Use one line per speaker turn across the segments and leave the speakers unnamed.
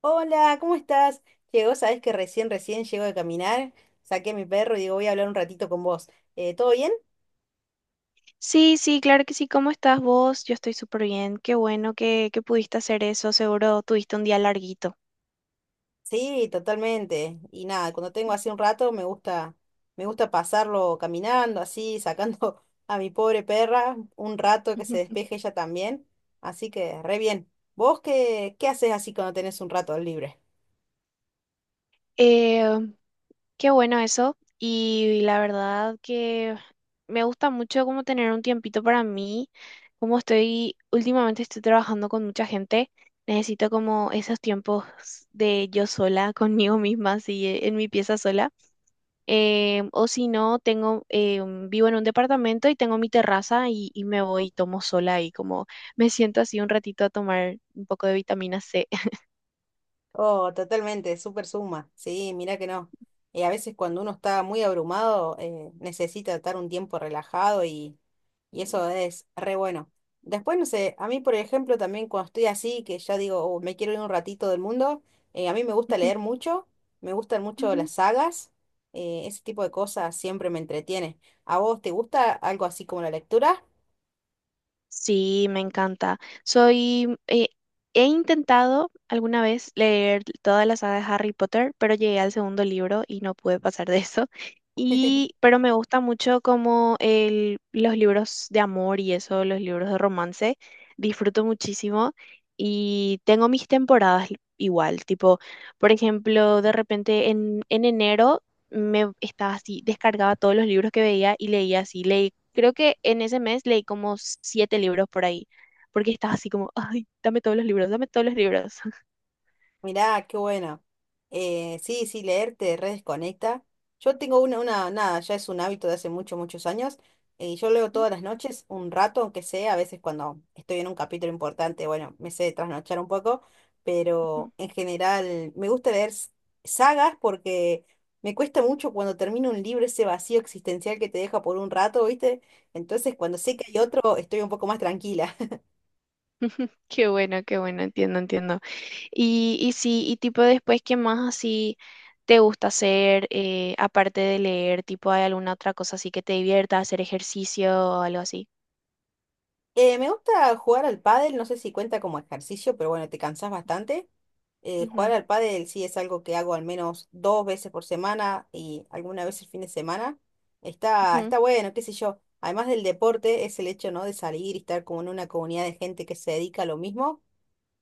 Hola, ¿cómo estás? Llegó, sabes que recién llego de caminar, saqué a mi perro y digo, voy a hablar un ratito con vos. ¿Todo bien?
Sí, sí, claro que sí. ¿Cómo estás vos? Yo estoy súper bien. Qué bueno que pudiste hacer eso. Seguro tuviste un día larguito.
Sí, totalmente. Y nada, cuando tengo así un rato me gusta pasarlo caminando, así, sacando a mi pobre perra un rato que se despeje ella también. Así que, re bien. ¿Vos qué haces así cuando tenés un rato libre?
Eh, Qué bueno eso. Y la verdad que me gusta mucho como tener un tiempito para mí. Como estoy, últimamente estoy trabajando con mucha gente, necesito como esos tiempos de yo sola, conmigo misma, así en mi pieza sola. O si no, tengo, vivo en un departamento y tengo mi terraza y me voy y tomo sola y como me siento así un ratito a tomar un poco de vitamina C.
Oh, totalmente, súper suma. Sí, mira que no. A veces cuando uno está muy abrumado, necesita estar un tiempo relajado y eso es re bueno. Después, no sé, a mí, por ejemplo, también cuando estoy así, que ya digo, "Oh, me quiero ir un ratito del mundo, a mí me gusta
Ujú.
leer mucho, me gustan mucho las sagas, ese tipo de cosas siempre me entretiene. ¿A vos te gusta algo así como la lectura?
Sí, me encanta. Soy, he intentado alguna vez leer toda la saga de Harry Potter, pero llegué al segundo libro y no pude pasar de eso. Y, pero me gusta mucho como los libros de amor y eso, los libros de romance. Disfruto muchísimo y tengo mis temporadas igual. Tipo, por ejemplo, de repente en enero me estaba así, descargaba todos los libros que veía y leía así. Creo que en ese mes leí como siete libros por ahí, porque estaba así como, ay, dame todos los libros, dame todos los libros.
Mirá, qué buena. Sí, sí, leer te redesconecta. Yo tengo nada, ya es un hábito de hace muchos años. Y yo leo todas las noches, un rato, aunque sea, a veces cuando estoy en un capítulo importante, bueno, me sé trasnochar un poco, pero en general me gusta leer sagas porque me cuesta mucho cuando termino un libro ese vacío existencial que te deja por un rato, ¿viste? Entonces, cuando sé que hay otro, estoy un poco más tranquila.
Qué bueno, entiendo, entiendo. Y sí, y tipo después, ¿qué más así te gusta hacer, aparte de leer? Tipo, ¿hay alguna otra cosa así que te divierta, hacer ejercicio o algo así?
Me gusta jugar al pádel, no sé si cuenta como ejercicio, pero bueno, te cansás bastante. Jugar
Ujú,
al pádel sí es algo que hago al menos dos veces por semana y alguna vez el fin de semana.
ujú,
Está bueno, qué sé yo. Además del deporte, es el hecho, ¿no? De salir y estar como en una comunidad de gente que se dedica a lo mismo.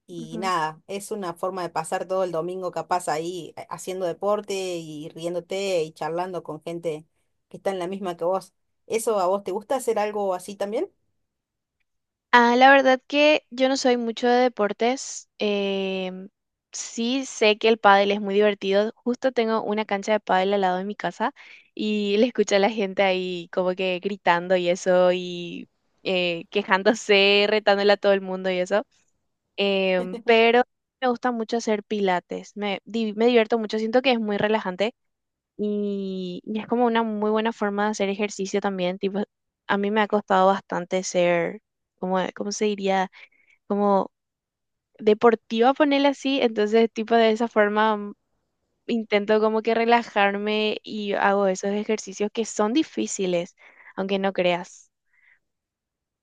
Y
ujú.
nada, es una forma de pasar todo el domingo capaz ahí haciendo deporte y riéndote y charlando con gente que está en la misma que vos. ¿Eso a vos te gusta hacer algo así también?
Ah, la verdad que yo no soy mucho de deportes. Sí sé que el pádel es muy divertido. Justo tengo una cancha de pádel al lado de mi casa y le escucho a la gente ahí como que gritando y eso y quejándose, retándole a todo el mundo y eso. Pero me gusta mucho hacer pilates. Me divierto mucho. Siento que es muy relajante y es como una muy buena forma de hacer ejercicio también. Tipo, a mí me ha costado bastante ser, como, ¿cómo se diría? Como deportiva, ponerle así. Entonces, tipo, de esa forma intento como que relajarme y hago esos ejercicios que son difíciles, aunque no creas.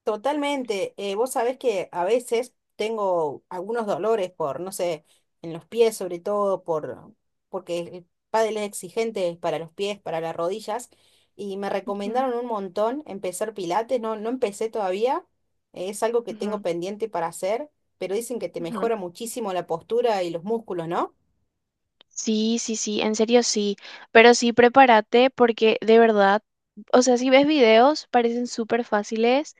Totalmente. Vos sabés que a veces tengo algunos dolores por, no sé, en los pies sobre todo, porque el pádel es exigente para los pies, para las rodillas, y me
Ujú,
recomendaron un montón empezar pilates, no empecé todavía, es algo que tengo
ujú,
pendiente para hacer, pero dicen que te
ujú.
mejora muchísimo la postura y los músculos, ¿no?
Sí, sí, sí, en serio sí. Pero sí, prepárate porque de verdad, o sea, si ves videos, parecen súper fáciles.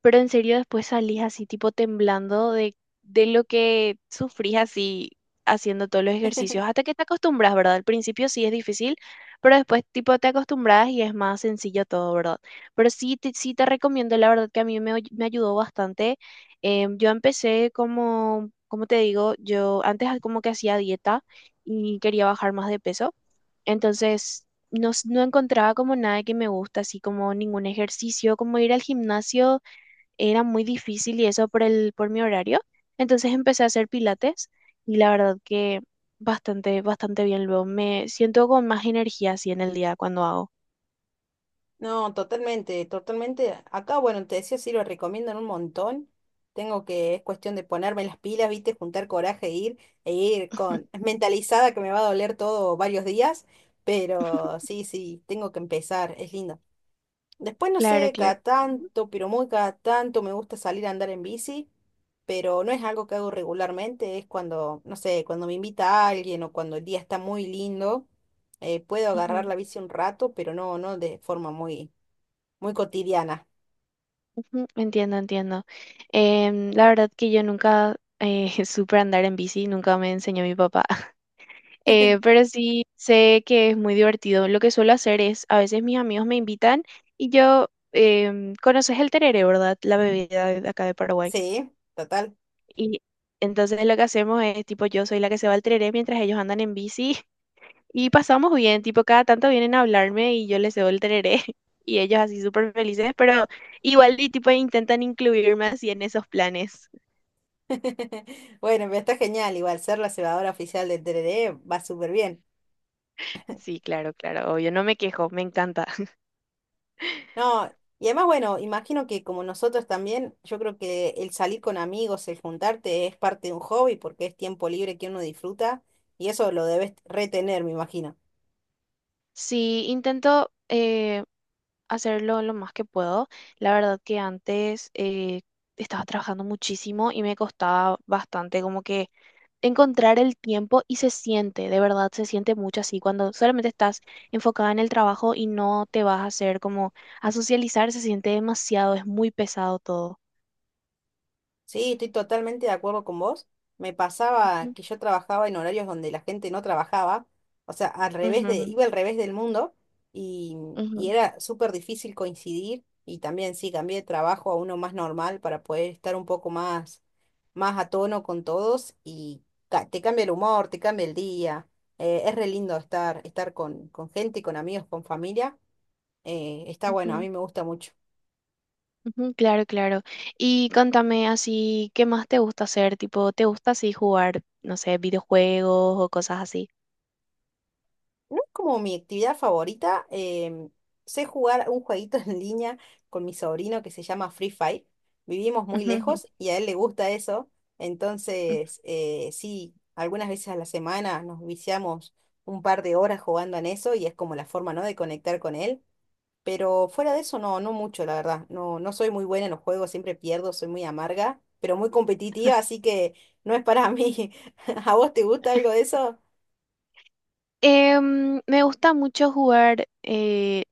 Pero en serio después salís así tipo temblando de lo que sufrís así haciendo todos los ejercicios, hasta que te acostumbras, ¿verdad? Al principio sí es difícil, pero después tipo te acostumbras y es más sencillo todo, ¿verdad? Pero sí te recomiendo, la verdad que a mí me ayudó bastante. Yo empecé como, como te digo, yo antes como que hacía dieta y quería bajar más de peso. Entonces, no encontraba como nada que me gusta, así como ningún ejercicio, como ir al gimnasio era muy difícil y eso por mi horario. Entonces empecé a hacer pilates y la verdad que bastante, bastante bien. Luego me siento con más energía así en el día cuando hago.
No, totalmente, totalmente. Acá, bueno, te decía, sí, lo recomiendan un montón. Tengo que, es cuestión de ponerme las pilas, viste, juntar coraje e ir con mentalizada que me va a doler todo varios días, pero sí, sí, tengo que empezar, es lindo. Después, no
Claro,
sé,
claro.
cada tanto, pero muy cada tanto me gusta salir a andar en bici, pero no es algo que hago regularmente, es cuando, no sé, cuando me invita alguien o cuando el día está muy lindo, puedo agarrar
Ujú,
la bici un rato, pero no de forma muy cotidiana.
ujú, entiendo, entiendo. La verdad que yo nunca supe andar en bici, nunca me enseñó mi papá. Pero sí sé que es muy divertido. Lo que suelo hacer es, a veces mis amigos me invitan y yo, conoces el tereré, ¿verdad? La bebida de acá de Paraguay.
Sí, total.
Y entonces lo que hacemos es, tipo, yo soy la que se va al tereré mientras ellos andan en bici y pasamos bien, tipo, cada tanto vienen a hablarme y yo les cedo el tereré y ellos así súper felices, pero igual y tipo intentan incluirme así en esos planes.
Bueno, pero está genial. Igual ser la cebadora oficial del TRD va súper bien.
Sí, claro, claro, obvio, no me quejo, me encanta.
No, y además, bueno, imagino que como nosotros también, yo creo que el salir con amigos, el juntarte es parte de un hobby porque es tiempo libre que uno disfruta y eso lo debes retener, me imagino.
Sí, intento hacerlo lo más que puedo. La verdad que antes estaba trabajando muchísimo y me costaba bastante como que encontrar el tiempo y se siente, de verdad, se siente mucho así cuando solamente estás enfocada en el trabajo y no te vas a hacer como a socializar, se siente demasiado, es muy pesado todo.
Sí, estoy totalmente de acuerdo con vos. Me pasaba
Ujú,
que yo trabajaba en horarios donde la gente no trabajaba, o sea,
ujú,
iba al revés del mundo y, y
ujú,
era súper difícil coincidir y también sí, cambié de trabajo a uno más normal para poder estar más a tono con todos y te cambia el humor, te cambia el día. Eh, es re lindo estar con gente, con amigos, con familia. Eh, está bueno, a
ujú,
mí me gusta mucho.
ujú, claro, claro. Y contame así, ¿qué más te gusta hacer? Tipo, ¿te gusta así jugar, no sé, videojuegos o cosas así?
No es como mi actividad favorita. Sé jugar un jueguito en línea con mi sobrino que se llama Free Fire. Vivimos muy
Ujú, ujú,
lejos y a él le gusta eso.
ujú.
Entonces, sí, algunas veces a la semana nos viciamos un par de horas jugando en eso y es como la forma, ¿no? De conectar con él. Pero fuera de eso, no, no mucho, la verdad. No, no soy muy buena en los juegos, siempre pierdo, soy muy amarga, pero muy competitiva, así que no es para mí. ¿A vos te gusta algo de eso?
Me gusta mucho jugar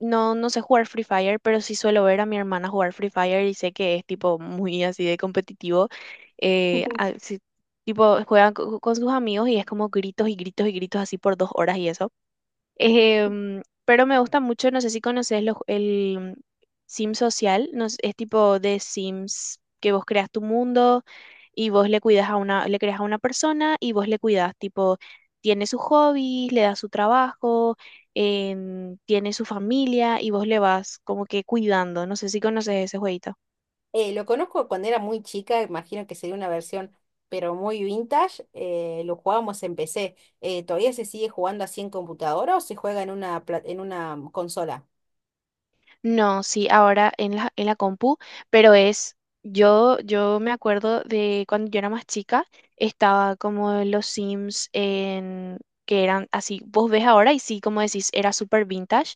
no, no sé jugar Free Fire, pero sí suelo ver a mi hermana jugar Free Fire y sé que es tipo muy así de competitivo. Sí, tipo con sus amigos y es como gritos y gritos y gritos así por dos horas y eso. Pero me gusta mucho, no sé si conoces el Sim Social, no sé, es tipo de Sims que vos creas tu mundo y vos le cuidas a una, le creas a una persona y vos le cuidas, tipo, tiene sus hobbies, le das su trabajo, tiene su familia y vos le vas como que cuidando. No sé si conoces ese jueguito.
Lo conozco cuando era muy chica, imagino que sería una versión, pero muy vintage. Eh, lo jugábamos en PC. ¿Todavía se sigue jugando así en computadora o se juega en una en una consola?
No, sí, ahora en la compu, pero es, yo me acuerdo de cuando yo era más chica, estaba como en los Sims que eran así, vos ves ahora y sí, como decís, era súper vintage,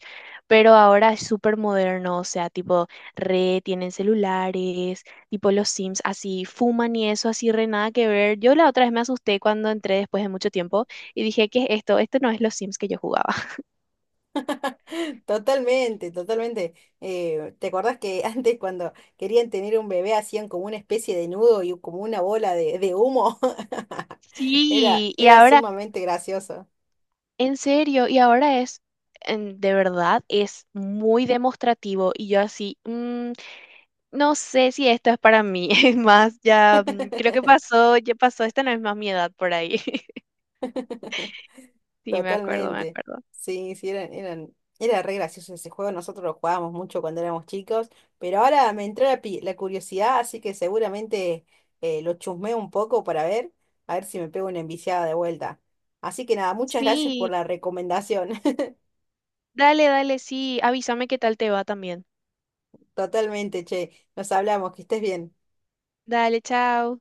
pero ahora es súper moderno, o sea, tipo, re, tienen celulares, tipo los Sims así, fuman y eso, así, re, nada que ver. Yo la otra vez me asusté cuando entré después de mucho tiempo y dije, ¿qué es esto? Esto no es los Sims que yo jugaba.
Totalmente, totalmente. ¿Te acordás que antes cuando querían tener un bebé hacían como una especie de nudo y como una bola de humo?
Sí, y
Era
ahora
sumamente gracioso.
en serio, y ahora es, de verdad, es muy demostrativo y yo así, "Mm, no sé si esto es para mí, es más, ya mm, creo que pasó, ya pasó, esta no es más mi edad por ahí. Sí, me acuerdo, me
Totalmente.
acuerdo.
Sí, sí, era re gracioso ese juego. Nosotros lo jugábamos mucho cuando éramos chicos, pero ahora me entró la la curiosidad, así que seguramente lo chusmeo un poco para ver, a ver si me pego una enviciada de vuelta. Así que nada, muchas gracias por
Sí,
la recomendación.
dale, dale, sí, avísame qué tal te va también.
Totalmente, che. Nos hablamos, que estés bien.
Dale, chao.